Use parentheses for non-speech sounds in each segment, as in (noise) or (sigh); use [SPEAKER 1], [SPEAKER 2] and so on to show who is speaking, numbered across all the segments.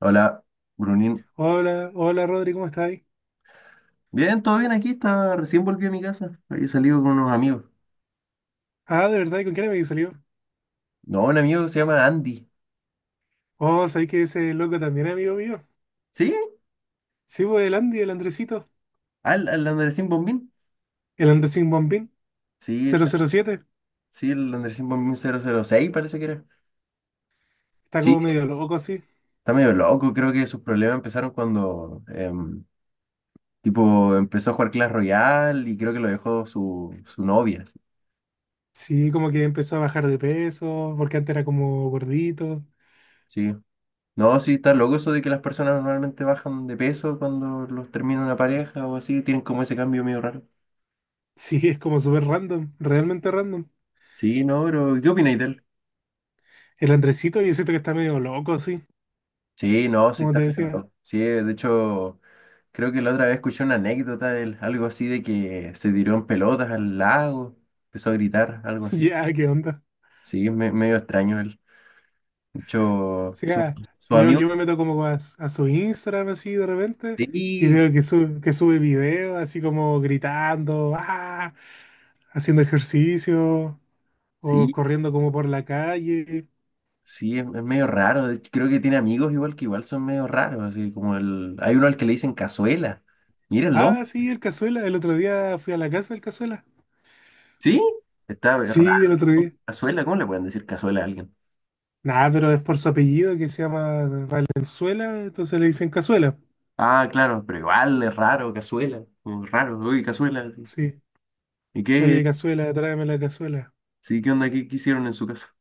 [SPEAKER 1] Hola, Brunín.
[SPEAKER 2] Hola, hola Rodri, ¿cómo estás?
[SPEAKER 1] Bien, todo bien aquí, está, recién volví a mi casa. Había salido con unos amigos.
[SPEAKER 2] Ah, ¿de verdad? ¿Y con quién me salió?
[SPEAKER 1] No, un amigo que se llama Andy.
[SPEAKER 2] Oh, ¿sabéis que ese loco también es amigo mío?
[SPEAKER 1] ¿Sí?
[SPEAKER 2] Sí, pues el Andy, el Andresito,
[SPEAKER 1] ¿Al Andresín Bombín?
[SPEAKER 2] el Andresín Bombín,
[SPEAKER 1] Sí,
[SPEAKER 2] cero
[SPEAKER 1] está.
[SPEAKER 2] cero siete,
[SPEAKER 1] Sí, el Andresín Bombín 006, parece que era.
[SPEAKER 2] Está
[SPEAKER 1] Sí,
[SPEAKER 2] como medio loco así.
[SPEAKER 1] está medio loco. Creo que sus problemas empezaron cuando, tipo, empezó a jugar Clash Royale y creo que lo dejó su novia. Sí.
[SPEAKER 2] Sí, como que empezó a bajar de peso, porque antes era como gordito.
[SPEAKER 1] Sí. No, sí, está loco eso de que las personas normalmente bajan de peso cuando los termina una pareja o así. Tienen como ese cambio medio raro.
[SPEAKER 2] Sí, es como súper random, realmente random.
[SPEAKER 1] Sí, no, pero ¿qué opináis de él?
[SPEAKER 2] El Andresito, yo siento que está medio loco así,
[SPEAKER 1] Sí, no, sí
[SPEAKER 2] como
[SPEAKER 1] está
[SPEAKER 2] te
[SPEAKER 1] medio
[SPEAKER 2] decía.
[SPEAKER 1] loco. Sí, de hecho, creo que la otra vez escuché una anécdota de él, algo así de que se tiró en pelotas al lago, empezó a gritar, algo
[SPEAKER 2] (laughs)
[SPEAKER 1] así.
[SPEAKER 2] Ya, ¿qué onda?
[SPEAKER 1] Sí, es medio extraño él. De hecho,
[SPEAKER 2] Sí,
[SPEAKER 1] su,
[SPEAKER 2] ah,
[SPEAKER 1] su
[SPEAKER 2] yo,
[SPEAKER 1] amigo,
[SPEAKER 2] yo me meto como a su Instagram así de repente y
[SPEAKER 1] sí,
[SPEAKER 2] veo que sube videos así como gritando, ¡ah!, haciendo ejercicio o
[SPEAKER 1] sí,
[SPEAKER 2] corriendo como por la calle.
[SPEAKER 1] sí, es medio raro. De hecho, creo que tiene amigos igual que igual son medio raros, así como el, hay uno al que le dicen cazuela. Mira el nombre,
[SPEAKER 2] Ah, sí, el Cazuela. El otro día fui a la casa del Cazuela.
[SPEAKER 1] sí, está raro.
[SPEAKER 2] Sí, el otro día.
[SPEAKER 1] Cazuela, ¿cómo le pueden decir cazuela a alguien?
[SPEAKER 2] Nada, pero es por su apellido, que se llama Valenzuela, entonces le dicen Cazuela.
[SPEAKER 1] Ah, claro, pero igual es raro, cazuela, como raro, uy, cazuela, sí.
[SPEAKER 2] Sí.
[SPEAKER 1] ¿Y qué?
[SPEAKER 2] Oye, Cazuela, tráeme la cazuela.
[SPEAKER 1] Sí, ¿qué onda? ¿Qué hicieron en su casa?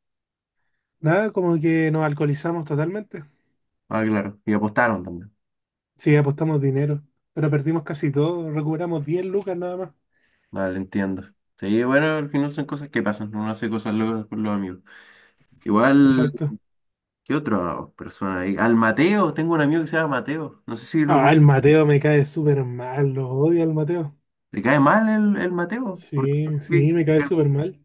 [SPEAKER 2] Nada, como que nos alcoholizamos totalmente.
[SPEAKER 1] Ah, claro, y apostaron también.
[SPEAKER 2] Sí, apostamos dinero, pero perdimos casi todo, recuperamos 10 lucas nada más.
[SPEAKER 1] Vale, entiendo. Sí, bueno, al final son cosas que pasan, uno hace cosas locas con los amigos. Igual,
[SPEAKER 2] Exacto.
[SPEAKER 1] ¿qué otra persona ahí? Al Mateo, tengo un amigo que se llama Mateo, no sé si lo
[SPEAKER 2] Ah, el Mateo me cae súper mal, lo odio al Mateo.
[SPEAKER 1] ¿Le cae mal el Mateo? Porque
[SPEAKER 2] Sí, sí,
[SPEAKER 1] (laughs)
[SPEAKER 2] me cae súper mal.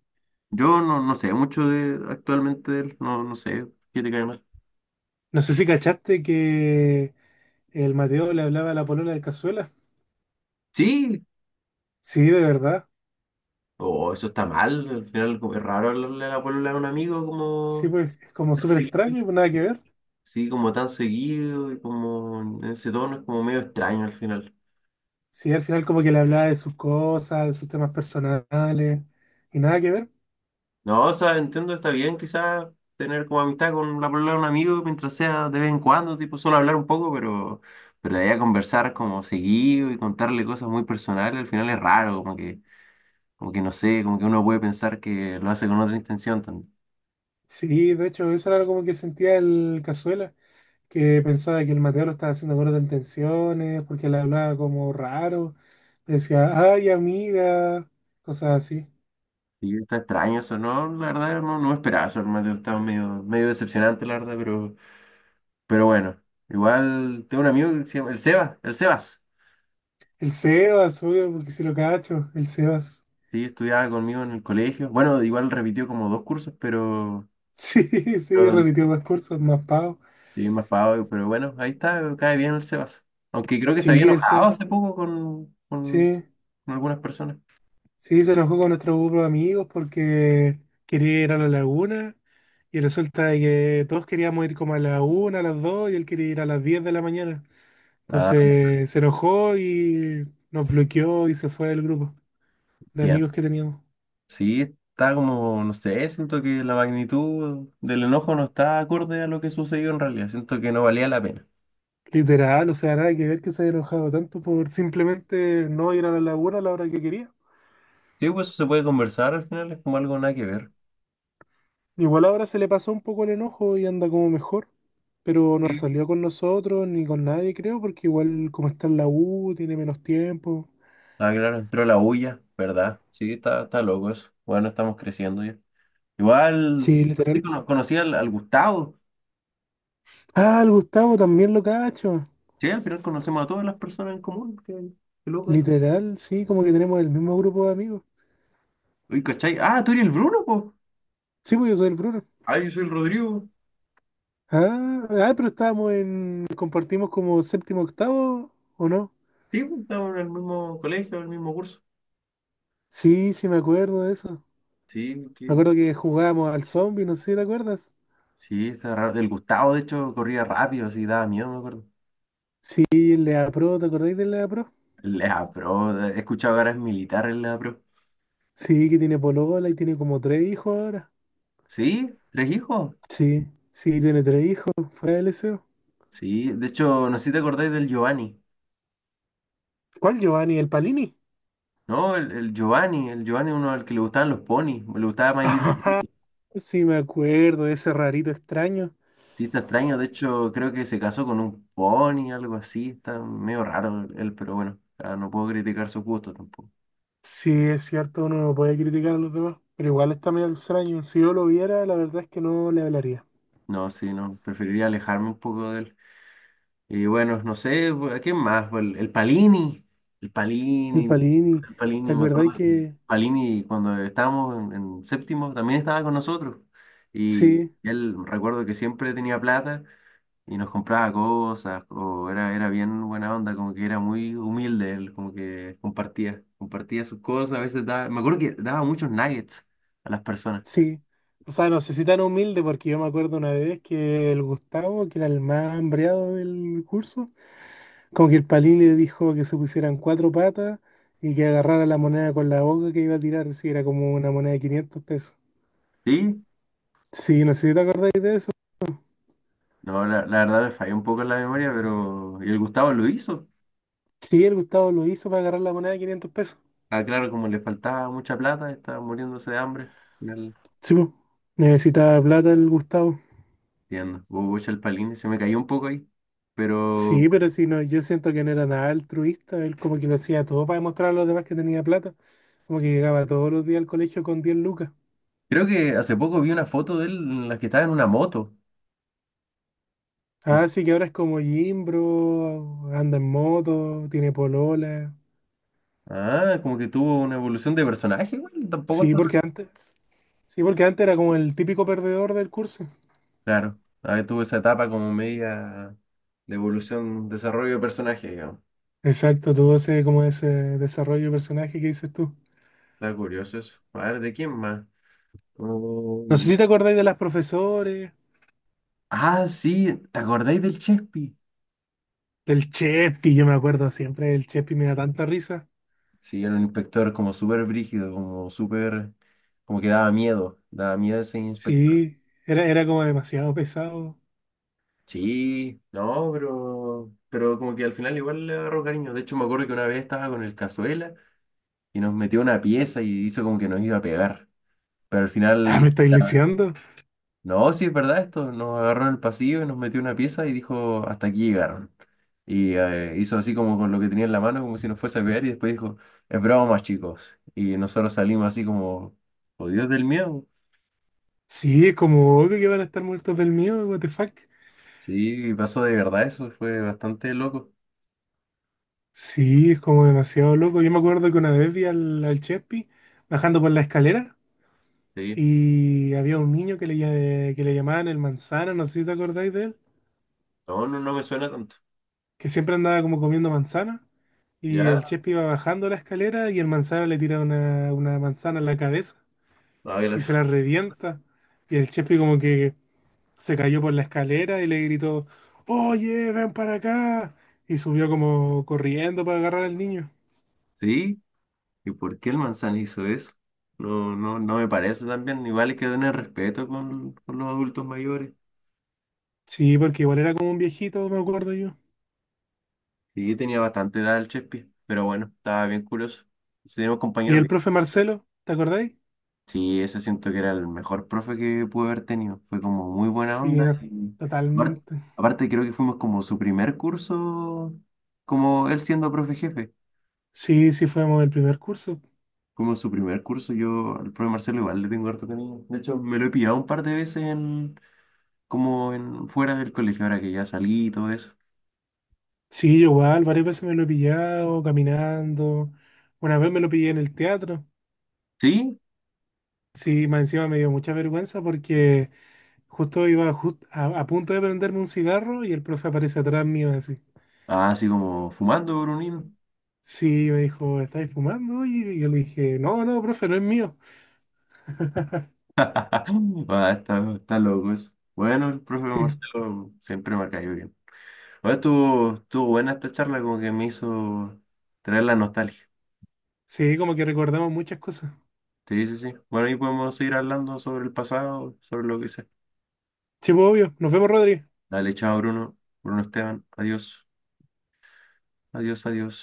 [SPEAKER 1] yo no, no sé mucho de actualmente de él, no, no sé qué te cae mal.
[SPEAKER 2] No sé si cachaste que el Mateo le hablaba a la polola del Cazuela.
[SPEAKER 1] Sí,
[SPEAKER 2] Sí, de verdad.
[SPEAKER 1] oh, eso está mal. Al final como es raro hablarle a la polola a un amigo
[SPEAKER 2] Sí,
[SPEAKER 1] como
[SPEAKER 2] pues es como
[SPEAKER 1] tan
[SPEAKER 2] súper
[SPEAKER 1] seguido.
[SPEAKER 2] extraño, pues nada que ver.
[SPEAKER 1] Sí, como tan seguido y como en ese tono es como medio extraño al final.
[SPEAKER 2] Sí, al final como que le hablaba de sus cosas, de sus temas personales y nada que ver.
[SPEAKER 1] No, o sea, entiendo, está bien quizás tener como amistad con la polola de un amigo mientras sea de vez en cuando, tipo solo hablar un poco, pero de ahí a conversar como seguido y contarle cosas muy personales, al final es raro, como que no sé, como que uno puede pensar que lo hace con otra intención.
[SPEAKER 2] Sí, de hecho, eso era como que sentía el Cazuela, que pensaba que el Mateo lo estaba haciendo gordo en tensiones, porque le hablaba como raro, le decía, ay amiga, cosas así.
[SPEAKER 1] Sí, está extraño eso, ¿no? La verdad, no, no me esperaba eso, hermano. Estaba medio, medio decepcionante, la verdad, pero bueno. Igual tengo un amigo que se llama el Seba, el Sebas.
[SPEAKER 2] El Sebas, obvio, porque si lo cacho, el Sebas. (laughs)
[SPEAKER 1] Sí, estudiaba conmigo en el colegio. Bueno, igual repitió como dos cursos, pero
[SPEAKER 2] Sí, sí,
[SPEAKER 1] no,
[SPEAKER 2] repitió dos cursos, más pavo.
[SPEAKER 1] sí, más pavo, pero bueno, ahí está, cae bien el Sebas. Aunque creo que se había
[SPEAKER 2] Sí, el
[SPEAKER 1] enojado
[SPEAKER 2] Sebas.
[SPEAKER 1] hace poco con, con,
[SPEAKER 2] Sí,
[SPEAKER 1] con algunas personas.
[SPEAKER 2] sí, se enojó con nuestro grupo de amigos porque quería ir a la laguna y resulta de que todos queríamos ir como a la una, a las dos y él quería ir a las 10 de la mañana.
[SPEAKER 1] Ah,
[SPEAKER 2] Entonces se enojó y nos bloqueó y se fue del grupo de
[SPEAKER 1] bien.
[SPEAKER 2] amigos que teníamos.
[SPEAKER 1] Sí, está como, no sé, siento que la magnitud del enojo no está acorde a lo que sucedió en realidad. Siento que no valía la pena.
[SPEAKER 2] Literal, o sea, nada que ver que se haya enojado tanto por simplemente no ir a la laguna a la hora que quería.
[SPEAKER 1] Sí, pues se puede conversar al final, es como algo nada que ver.
[SPEAKER 2] Igual ahora se le pasó un poco el enojo y anda como mejor, pero no salió con nosotros ni con nadie, creo, porque igual como está en la U, tiene menos tiempo.
[SPEAKER 1] Ah, claro, pero la huya, ¿verdad? Sí, está loco eso. Bueno, estamos creciendo ya. Igual,
[SPEAKER 2] Sí,
[SPEAKER 1] sí,
[SPEAKER 2] literal.
[SPEAKER 1] conocí al Gustavo.
[SPEAKER 2] Ah, el Gustavo también lo cacho.
[SPEAKER 1] Sí, al final conocemos a todas las personas en común. Qué loco eso.
[SPEAKER 2] Literal, sí, como que tenemos el mismo grupo de amigos.
[SPEAKER 1] Uy, ¿cachai? Ah, tú eres el Bruno, pues.
[SPEAKER 2] Sí, pues yo soy el Bruno.
[SPEAKER 1] Ah, yo soy el Rodrigo.
[SPEAKER 2] Ah, ah, pero compartimos como séptimo, octavo, ¿o no?
[SPEAKER 1] Sí, pues, estamos en el mismo colegio, en el mismo curso.
[SPEAKER 2] Sí, sí me acuerdo de eso.
[SPEAKER 1] Sí,
[SPEAKER 2] Me
[SPEAKER 1] que...
[SPEAKER 2] acuerdo que jugábamos al zombie, no sé si te acuerdas.
[SPEAKER 1] sí, está raro. El Gustavo, de hecho, corría rápido, así daba miedo, me acuerdo.
[SPEAKER 2] Sí, el Lea Pro, ¿te acordáis del Lea Pro?
[SPEAKER 1] La pro, he escuchado que ahora es militar en la pro.
[SPEAKER 2] Sí, que tiene polola y tiene como tres hijos ahora.
[SPEAKER 1] Sí, tres hijos.
[SPEAKER 2] Sí, sí, tiene tres hijos, fuera del deseo.
[SPEAKER 1] Sí, de hecho, no sé si te acordáis del Giovanni,
[SPEAKER 2] ¿Cuál Giovanni? ¿El Palini?
[SPEAKER 1] ¿no? El Giovanni uno al que le gustaban los ponis, le
[SPEAKER 2] (laughs)
[SPEAKER 1] gustaba My Little
[SPEAKER 2] Ajá,
[SPEAKER 1] Pony.
[SPEAKER 2] sí, me acuerdo, ese rarito extraño.
[SPEAKER 1] Sí, está extraño, de hecho, creo que se casó con un pony, algo así, está medio raro él, pero bueno, ah, no puedo criticar su gusto tampoco.
[SPEAKER 2] Sí, es cierto, uno no puede criticar a los demás, pero igual está medio extraño. Si yo lo viera, la verdad es que no le hablaría.
[SPEAKER 1] No, sí, no, preferiría alejarme un poco de él. Y bueno, no sé, pues, ¿a quién más? Pues, El, el Palini, el
[SPEAKER 2] El
[SPEAKER 1] Palini,
[SPEAKER 2] Palini,
[SPEAKER 1] el
[SPEAKER 2] ¿te
[SPEAKER 1] Palini, me acuerdo,
[SPEAKER 2] acordáis
[SPEAKER 1] que
[SPEAKER 2] que...?
[SPEAKER 1] Palini cuando estábamos en séptimo también estaba con nosotros y
[SPEAKER 2] Sí.
[SPEAKER 1] él recuerdo que siempre tenía plata. Y nos compraba cosas, o era bien buena onda, como que era muy humilde él, como que compartía sus cosas, a veces daba, me acuerdo que daba muchos nuggets a las personas.
[SPEAKER 2] Sí, o sea, no sé si tan humilde, porque yo me acuerdo una vez que el Gustavo, que era el más hambreado del curso, como que el Palín le dijo que se pusieran cuatro patas y que agarrara la moneda con la boca que iba a tirar, si era como una moneda de 500 pesos.
[SPEAKER 1] Sí,
[SPEAKER 2] Sí, no sé si te acordáis de eso.
[SPEAKER 1] no, la verdad le falló un poco en la memoria, pero y el Gustavo lo hizo.
[SPEAKER 2] Sí, el Gustavo lo hizo para agarrar la moneda de 500 pesos.
[SPEAKER 1] Ah, claro, como le faltaba mucha plata, estaba muriéndose de hambre. Al final,
[SPEAKER 2] Sí, po. Necesitaba plata el Gustavo.
[SPEAKER 1] entiendo, hubo el palín, se me cayó un poco ahí, pero
[SPEAKER 2] Sí, pero si no, yo siento que no era nada altruista, él como que lo hacía todo para demostrar a los demás que tenía plata, como que llegaba todos los días al colegio con 10 lucas.
[SPEAKER 1] creo que hace poco vi una foto de él en la que estaba en una moto. No
[SPEAKER 2] Ah,
[SPEAKER 1] sé.
[SPEAKER 2] sí, que ahora es como Jimbro, anda en moto, tiene polola.
[SPEAKER 1] Ah, como que tuvo una evolución de personaje, güey, tampoco
[SPEAKER 2] Sí,
[SPEAKER 1] está.
[SPEAKER 2] porque antes, sí, porque antes era como el típico perdedor del curso.
[SPEAKER 1] Claro, ahí tuvo esa etapa como media de evolución, desarrollo de personaje, digamos.
[SPEAKER 2] Exacto, tuvo ese, como ese desarrollo de personaje que dices tú.
[SPEAKER 1] Está curioso eso. A ver, ¿de quién más?
[SPEAKER 2] No
[SPEAKER 1] Mm,
[SPEAKER 2] sé si te acordáis de las profesores,
[SPEAKER 1] ah, sí, ¿te acordáis del Chespi?
[SPEAKER 2] del Chespi, yo me acuerdo siempre, el Chespi me da tanta risa.
[SPEAKER 1] Sí, era un inspector como súper brígido, como súper, como que daba miedo ese inspector.
[SPEAKER 2] Sí, era como demasiado pesado.
[SPEAKER 1] Sí, no, pero como que al final igual le agarró cariño. De hecho, me acuerdo que una vez estaba con el Cazuela y nos metió una pieza y hizo como que nos iba a pegar. Pero al
[SPEAKER 2] Ah, ¿me
[SPEAKER 1] final.
[SPEAKER 2] estáis lisiando?
[SPEAKER 1] No, sí es verdad esto. Nos agarró en el pasillo y nos metió en una pieza y dijo, hasta aquí llegaron. Y hizo así como con lo que tenía en la mano, como si nos fuese a pegar, y después dijo, es broma, chicos. Y nosotros salimos así como, oh Dios del miedo.
[SPEAKER 2] Sí, es como obvio que van a estar muertos del mío, what the fuck.
[SPEAKER 1] Sí, pasó de verdad eso, fue bastante loco.
[SPEAKER 2] Sí, es como demasiado loco. Yo me acuerdo que una vez vi al Chespi bajando por la escalera
[SPEAKER 1] Sí.
[SPEAKER 2] y había un niño que que le llamaban el manzana, no sé si te acordáis de él,
[SPEAKER 1] No, no, no me suena tanto.
[SPEAKER 2] que siempre andaba como comiendo manzana. Y el
[SPEAKER 1] Ya,
[SPEAKER 2] Chespi iba bajando la escalera y el manzana le tira una manzana en la cabeza
[SPEAKER 1] a
[SPEAKER 2] y
[SPEAKER 1] ver.
[SPEAKER 2] se la revienta. Y el Chespi como que se cayó por la escalera y le gritó: «Oye, ven para acá». Y subió como corriendo para agarrar al niño.
[SPEAKER 1] Sí, ¿y por qué el manzana hizo eso? No, no, no me parece tan bien. Igual hay que tener respeto con, los adultos mayores.
[SPEAKER 2] Sí, porque igual era como un viejito, me acuerdo yo.
[SPEAKER 1] Sí, tenía bastante edad el Chespi, pero bueno, estaba bien curioso. Sí, teníamos
[SPEAKER 2] ¿Y
[SPEAKER 1] compañeros
[SPEAKER 2] el
[SPEAKER 1] bien.
[SPEAKER 2] profe Marcelo? ¿Te acordáis?
[SPEAKER 1] Sí, ese siento que era el mejor profe que pude haber tenido. Fue como muy buena
[SPEAKER 2] Sí,
[SPEAKER 1] onda
[SPEAKER 2] no,
[SPEAKER 1] y aparte,
[SPEAKER 2] totalmente.
[SPEAKER 1] aparte creo que fuimos como su primer curso, como él siendo profe jefe.
[SPEAKER 2] Sí, sí fuimos el primer curso.
[SPEAKER 1] Fuimos su primer curso, yo al profe Marcelo igual le tengo harto cariño. De hecho, me lo he pillado un par de veces en, como en, fuera del colegio, ahora que ya salí y todo eso.
[SPEAKER 2] Sí, yo igual, varias veces me lo he pillado caminando. Una vez me lo pillé en el teatro.
[SPEAKER 1] ¿Sí?
[SPEAKER 2] Sí, más encima me dio mucha vergüenza porque justo iba a punto de prenderme un cigarro y el profe aparece atrás mío así.
[SPEAKER 1] Ah, así como fumando, Brunín.
[SPEAKER 2] Sí, me dijo, ¿estáis fumando? Y yo le dije, no, no, profe, no es mío. (laughs)
[SPEAKER 1] (laughs) Ah, está loco eso. Bueno, el profe
[SPEAKER 2] Sí,
[SPEAKER 1] Marcelo siempre me ha caído bien. Bueno, estuvo buena esta charla, como que me hizo traer la nostalgia.
[SPEAKER 2] sí, como que recordamos muchas cosas.
[SPEAKER 1] Sí, sí, sí. Bueno, ahí podemos seguir hablando sobre el pasado, sobre lo que sea.
[SPEAKER 2] Sí, pues, obvio. Nos vemos, Rodri.
[SPEAKER 1] Dale, chao, Bruno. Bruno Esteban. Adiós, adiós, adiós.